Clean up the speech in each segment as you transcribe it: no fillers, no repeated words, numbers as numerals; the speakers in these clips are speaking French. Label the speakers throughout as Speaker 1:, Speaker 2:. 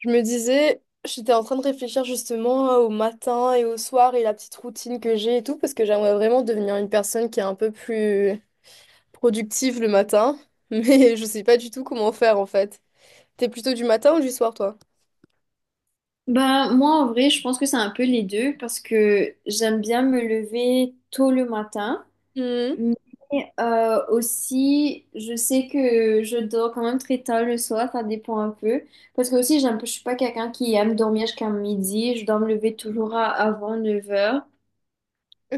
Speaker 1: Je me disais, j'étais en train de réfléchir justement au matin et au soir et la petite routine que j'ai et tout, parce que j'aimerais vraiment devenir une personne qui est un peu plus productive le matin, mais je sais pas du tout comment faire en fait. T'es plutôt du matin ou du soir, toi?
Speaker 2: Ben, moi, en vrai, je pense que c'est un peu les deux parce que j'aime bien me lever tôt le matin,
Speaker 1: Mhm.
Speaker 2: mais aussi, je sais que je dors quand même très tard le soir, ça dépend un peu. Parce que aussi, j'aime je suis pas quelqu'un qui aime dormir jusqu'à midi, je dois me lever toujours à, avant 9 heures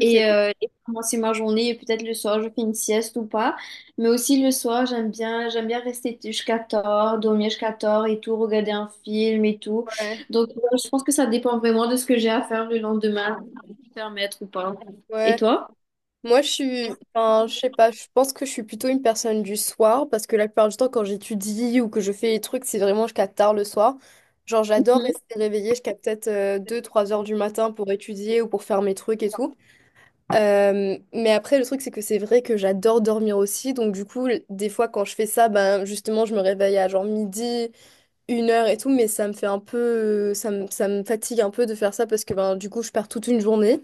Speaker 2: et pour commencer ma journée. Et peut-être le soir, je fais une sieste ou pas. Mais aussi le soir, j'aime bien rester jusqu'à tard, dormir jusqu'à tard et tout, regarder un film et tout.
Speaker 1: ouais,
Speaker 2: Donc, je pense que ça dépend vraiment de ce que j'ai à faire le lendemain, me permettre ou pas. Et
Speaker 1: ouais.
Speaker 2: toi?
Speaker 1: Moi, je suis, enfin, je sais pas, je pense que je suis plutôt une personne du soir, parce que la plupart du temps, quand j'étudie ou que je fais les trucs, c'est vraiment jusqu'à tard le soir. Genre, j'adore rester réveillée jusqu'à peut-être deux trois heures du matin pour étudier ou pour faire mes trucs et tout. Mais après, le truc, c'est que c'est vrai que j'adore dormir aussi. Donc, du coup, des fois, quand je fais ça, ben, justement, je me réveille à genre midi, une heure et tout. Mais ça me fait un peu. Ça me fatigue un peu de faire ça parce que, ben, du coup, je pars toute une journée.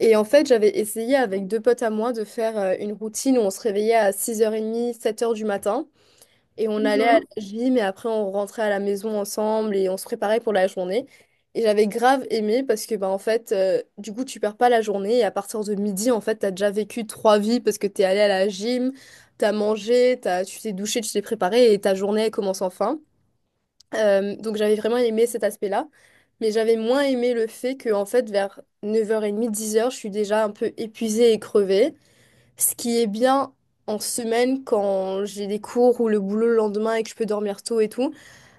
Speaker 1: Et en fait, j'avais essayé avec deux potes à moi de faire une routine où on se réveillait à 6h30, 7 heures du matin. Et on allait à
Speaker 2: Mhm.
Speaker 1: la gym et après on rentrait à la maison ensemble et on se préparait pour la journée. Et j'avais grave aimé parce que bah en fait du coup tu perds pas la journée et à partir de midi en fait t'as déjà vécu trois vies parce que t'es allé à la gym, t'as mangé, tu t'es douché, tu t'es préparé et ta journée elle commence enfin. Donc j'avais vraiment aimé cet aspect-là. Mais j'avais moins aimé le fait que en fait vers 9h30, 10 heures je suis déjà un peu épuisée et crevée. Ce qui est bien en semaine quand j'ai des cours ou le boulot le lendemain et que je peux dormir tôt et tout,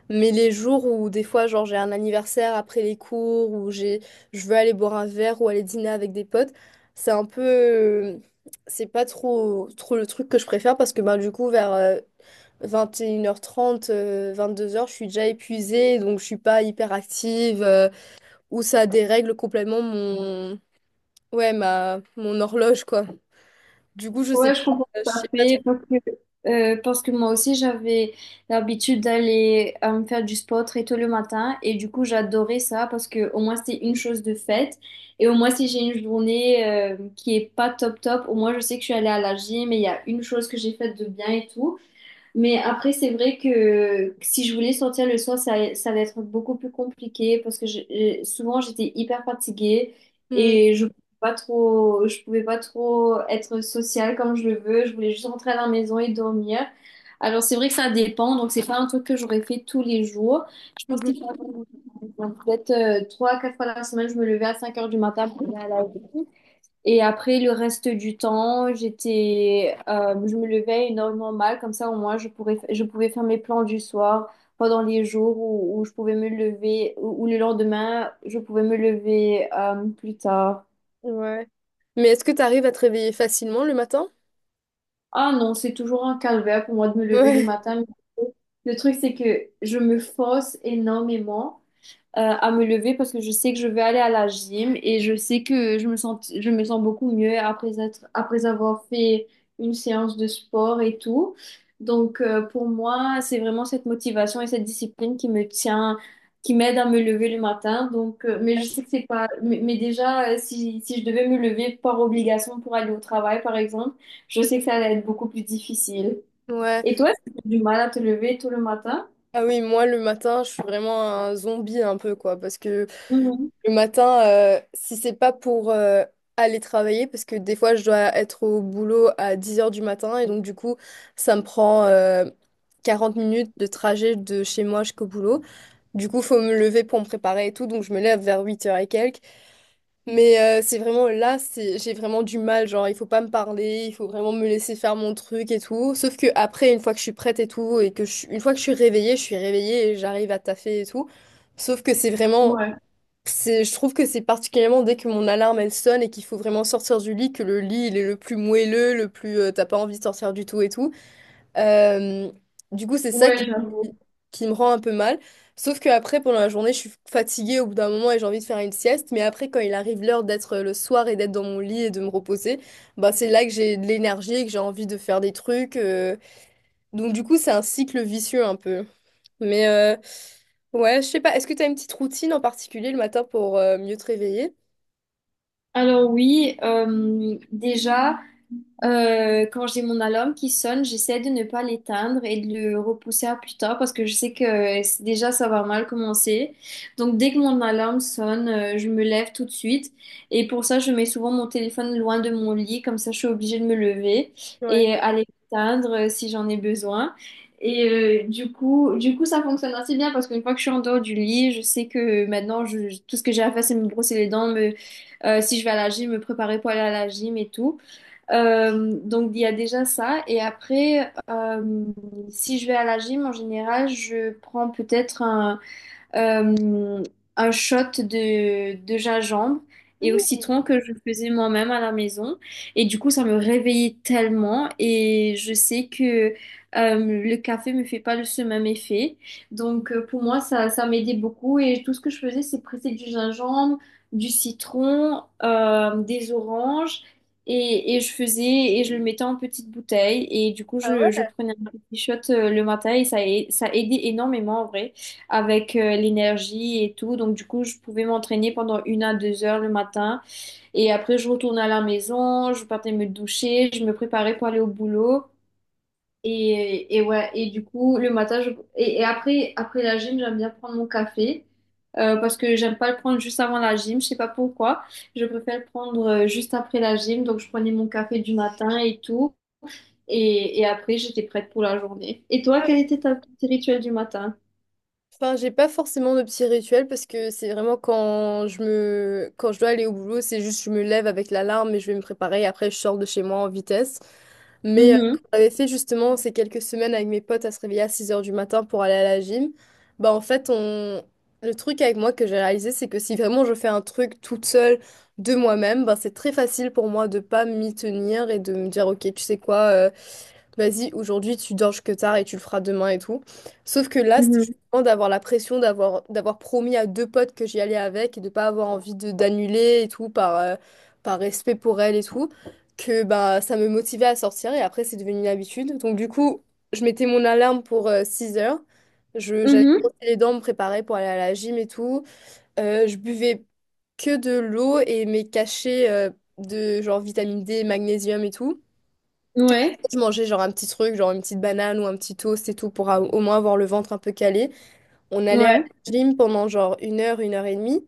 Speaker 1: mais les jours où des fois genre j'ai un anniversaire après les cours ou j'ai je veux aller boire un verre ou aller dîner avec des potes, c'est un peu c'est pas trop trop le truc que je préfère parce que ben du coup vers 21h30 2 heures je suis déjà épuisée, donc je suis pas hyper active, ou ça dérègle complètement mon, ouais, ma, mon horloge, quoi. Du coup, je sais
Speaker 2: Ouais, je
Speaker 1: pas,
Speaker 2: comprends
Speaker 1: je
Speaker 2: tout à
Speaker 1: sais pas.
Speaker 2: fait parce que moi aussi j'avais l'habitude d'aller me faire du sport très tôt le matin et du coup j'adorais ça parce que au moins c'est une chose de faite et au moins si j'ai une journée qui est pas top top, au moins je sais que je suis allée à la gym et il y a une chose que j'ai faite de bien et tout. Mais après, c'est vrai que si je voulais sortir le soir, ça allait être beaucoup plus compliqué parce que souvent j'étais hyper fatiguée
Speaker 1: Mhm.
Speaker 2: et je pouvais pas trop être sociale comme je le veux. Je voulais juste rentrer à la maison et dormir. Alors c'est vrai que ça dépend, donc c'est pas un truc que j'aurais fait tous les jours. Je pense
Speaker 1: Mhm.
Speaker 2: qu'il faut attendre. Donc, peut-être 3 à 4 fois la semaine, je me levais à 5 heures du matin pour aller à la et après, le reste du temps, je me levais énormément mal, comme ça au moins je pouvais faire mes plans du soir pendant les jours où je pouvais me lever, ou le lendemain, je pouvais me lever plus tard.
Speaker 1: Ouais. Mais est-ce que tu arrives à te réveiller facilement le matin?
Speaker 2: Ah non, c'est toujours un calvaire pour moi de me lever le
Speaker 1: Ouais.
Speaker 2: matin. Le truc, c'est que je me force énormément. À me lever parce que je sais que je vais aller à la gym et je sais que je me sens beaucoup mieux après avoir fait une séance de sport et tout. Donc, pour moi, c'est vraiment cette motivation et cette discipline qui m'aide à me lever le matin. Donc, mais je sais que c'est pas, mais déjà, si je devais me lever par obligation pour aller au travail, par exemple, je sais que ça allait être beaucoup plus difficile.
Speaker 1: Ouais.
Speaker 2: Et toi, est-ce que tu as du mal à te lever tout le matin?
Speaker 1: Ah oui, moi le matin, je suis vraiment un zombie un peu quoi parce que
Speaker 2: Mhm.
Speaker 1: le matin si c'est pas pour aller travailler parce que des fois je dois être au boulot à 10 heures du matin et donc du coup, ça me prend 40 minutes de trajet de chez moi jusqu'au boulot. Du coup, faut me lever pour me préparer et tout donc je me lève vers 8 heures et quelques. Mais c'est vraiment là, c'est j'ai vraiment du mal, genre il faut pas me parler, il faut vraiment me laisser faire mon truc et tout. Sauf que après, une fois que je suis prête et tout, et que une fois que je suis réveillée et j'arrive à taffer et tout. Sauf que c'est vraiment,
Speaker 2: Ouais,
Speaker 1: je trouve que c'est particulièrement dès que mon alarme elle sonne et qu'il faut vraiment sortir du lit, que le lit il est le plus moelleux, le plus t'as pas envie de sortir du tout et tout. Euh, du coup, c'est ça qui,
Speaker 2: ouais, j'avoue.
Speaker 1: qui me rend un peu mal. Sauf que après, pendant la journée, je suis fatiguée au bout d'un moment et j'ai envie de faire une sieste. Mais après, quand il arrive l'heure d'être le soir et d'être dans mon lit et de me reposer, bah, c'est là que j'ai de l'énergie et que j'ai envie de faire des trucs. Donc, du coup, c'est un cycle vicieux un peu. Mais ouais, je sais pas. Est-ce que tu as une petite routine en particulier le matin pour mieux te réveiller?
Speaker 2: Alors oui, déjà. Quand j'ai mon alarme qui sonne, j'essaie de ne pas l'éteindre et de le repousser à plus tard parce que je sais que c'est- déjà ça va mal commencer. Donc dès que mon alarme sonne, je me lève tout de suite et pour ça je mets souvent mon téléphone loin de mon lit, comme ça je suis obligée de me lever
Speaker 1: Ouais.
Speaker 2: et aller l'éteindre si j'en ai besoin. Et du coup ça fonctionne assez bien parce qu'une fois que je suis en dehors du lit, je sais que maintenant je- tout ce que j'ai à faire c'est me brosser les dents, si je vais à la gym, me préparer pour aller à la gym et tout. Donc il y a déjà ça. Et après, si je vais à la gym, en général, je prends peut-être euh, un shot de gingembre et au
Speaker 1: Mhm.
Speaker 2: citron que je faisais moi-même à la maison. Et du coup, ça me réveillait tellement et je sais que le café me fait pas le- ce même effet. Donc, pour moi, ça m'aidait beaucoup et tout ce que je faisais, c'est presser du gingembre, du citron, des oranges. Et je faisais et je le mettais en petite bouteille et du coup
Speaker 1: Ah
Speaker 2: je
Speaker 1: ouais?
Speaker 2: prenais un petit shot le matin et ça, ça aidait énormément en vrai avec l'énergie et tout. Donc, du coup, je pouvais m'entraîner pendant 1 à 2 heures le matin. Et après, je retournais à la maison, je partais me doucher, je me préparais pour aller au boulot. Et du coup, après la gym, j'aime bien prendre mon café. Parce que j'aime pas le prendre juste avant la gym, je sais pas pourquoi. Je préfère le prendre juste après la gym, donc je prenais mon café du matin et tout. Et après, j'étais prête pour la journée. Et toi, quel était ton petit rituel du matin?
Speaker 1: Enfin, j'ai pas forcément de petits rituels parce que c'est vraiment quand je me quand je dois aller au boulot, c'est juste je me lève avec l'alarme et je vais me préparer. Après, je sors de chez moi en vitesse. Mais
Speaker 2: Mhm,
Speaker 1: quand j'avais fait justement ces quelques semaines avec mes potes à se réveiller à 6 heures du matin pour aller à la gym, bah en fait, le truc avec moi que j'ai réalisé, c'est que si vraiment je fais un truc toute seule de moi-même, bah c'est très facile pour moi de pas m'y tenir et de me dire, ok, tu sais quoi, vas-y, aujourd'hui tu dors que tard et tu le feras demain et tout. Sauf que là, c'était
Speaker 2: mhm,
Speaker 1: justement d'avoir la pression d'avoir promis à deux potes que j'y allais avec et de pas avoir envie de d'annuler et tout par respect pour elles et tout que bah ça me motivait à sortir et après c'est devenu une habitude. Donc du coup, je mettais mon alarme pour 6 heures. J'allais me
Speaker 2: mhm.
Speaker 1: brosser les dents, me préparer pour aller à la gym et tout. Je buvais que de l'eau et mes cachets de genre vitamine D, magnésium et tout.
Speaker 2: Ouais,
Speaker 1: Je mangeais genre un petit truc, genre une petite banane ou un petit toast et tout pour au moins avoir le ventre un peu calé. On allait à
Speaker 2: ouais.
Speaker 1: la gym pendant genre 1 heure, 1 heure et demie.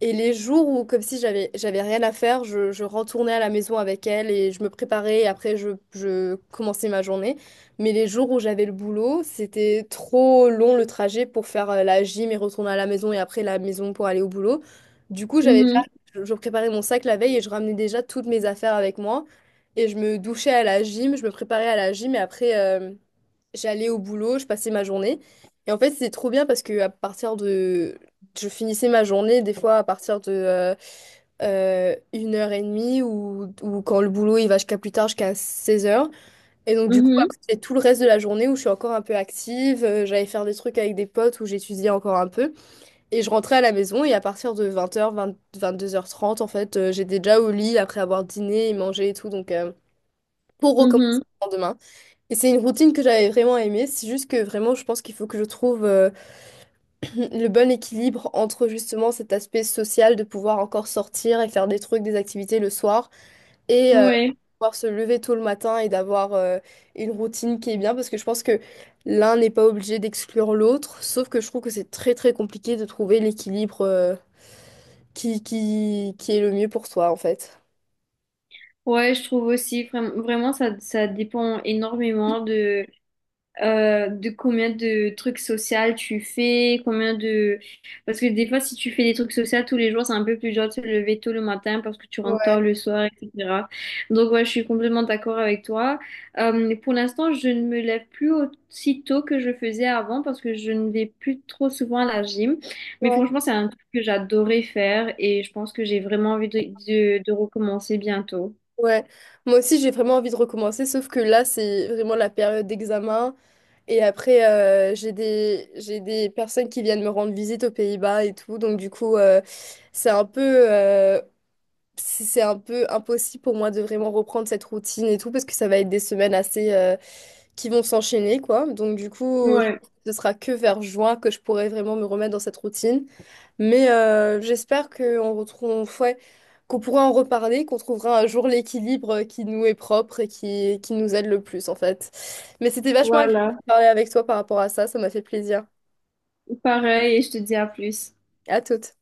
Speaker 1: Et les jours où, comme si j'avais rien à faire, je retournais à la maison avec elle et je me préparais et après je commençais ma journée. Mais les jours où j'avais le boulot, c'était trop long le trajet pour faire la gym et retourner à la maison et après la maison pour aller au boulot. Du coup, j'avais déjà,
Speaker 2: Mhm,
Speaker 1: je préparais mon sac la veille et je ramenais déjà toutes mes affaires avec moi. Et je me douchais à la gym, je me préparais à la gym et après j'allais au boulot, je passais ma journée. Et en fait, c'est trop bien parce que à partir de je finissais ma journée des fois à partir de 1 heure et demie ou quand le boulot il va jusqu'à plus tard jusqu'à 16 heures. Et donc du coup
Speaker 2: mhm,
Speaker 1: après c'est tout le reste de la journée où je suis encore un peu active, j'allais faire des trucs avec des potes où j'étudiais encore un peu. Et je rentrais à la maison et à partir de 22h30 en fait j'étais déjà au lit après avoir dîné et mangé et tout donc pour recommencer
Speaker 2: mhm.
Speaker 1: le lendemain. Et c'est une routine que j'avais vraiment aimée, c'est juste que vraiment je pense qu'il faut que je trouve le bon équilibre entre justement cet aspect social de pouvoir encore sortir et faire des trucs, des activités le soir et
Speaker 2: Ouais,
Speaker 1: pouvoir se lever tôt le matin et d'avoir une routine qui est bien parce que je pense que l'un n'est pas obligé d'exclure l'autre, sauf que je trouve que c'est très très compliqué de trouver l'équilibre qui est le mieux pour soi en fait.
Speaker 2: ouais, je trouve aussi vraiment ça, ça dépend énormément de combien de trucs sociaux tu fais, combien de... Parce que des fois, si tu fais des trucs sociaux tous les jours, c'est un peu plus dur de se lever tôt le matin parce que tu rentres tard
Speaker 1: Ouais.
Speaker 2: le soir, etc. Donc, ouais, je suis complètement d'accord avec toi. Pour l'instant, je ne me lève plus aussi tôt que je faisais avant parce que je ne vais plus trop souvent à la gym. Mais
Speaker 1: Ouais.
Speaker 2: franchement, c'est un truc que j'adorais faire et je pense que j'ai vraiment envie de de recommencer bientôt.
Speaker 1: Ouais, moi aussi j'ai vraiment envie de recommencer, sauf que là c'est vraiment la période d'examen. Et après, j'ai des personnes qui viennent me rendre visite aux Pays-Bas et tout. Donc, du coup, c'est un peu, euh, c'est un peu impossible pour moi de vraiment reprendre cette routine et tout, parce que ça va être des semaines assez, qui vont s'enchaîner, quoi. Donc, du coup, je
Speaker 2: Ouais,
Speaker 1: pense que ce sera que vers juin que je pourrai vraiment me remettre dans cette routine. Mais j'espère qu'on retrouve, ouais, qu'on pourra en reparler, qu'on trouvera un jour l'équilibre qui nous est propre et qui nous aide le plus, en fait. Mais c'était vachement agréable de
Speaker 2: voilà.
Speaker 1: parler avec toi par rapport à ça. Ça m'a fait plaisir.
Speaker 2: Pareil, et je te dis à plus.
Speaker 1: À toute.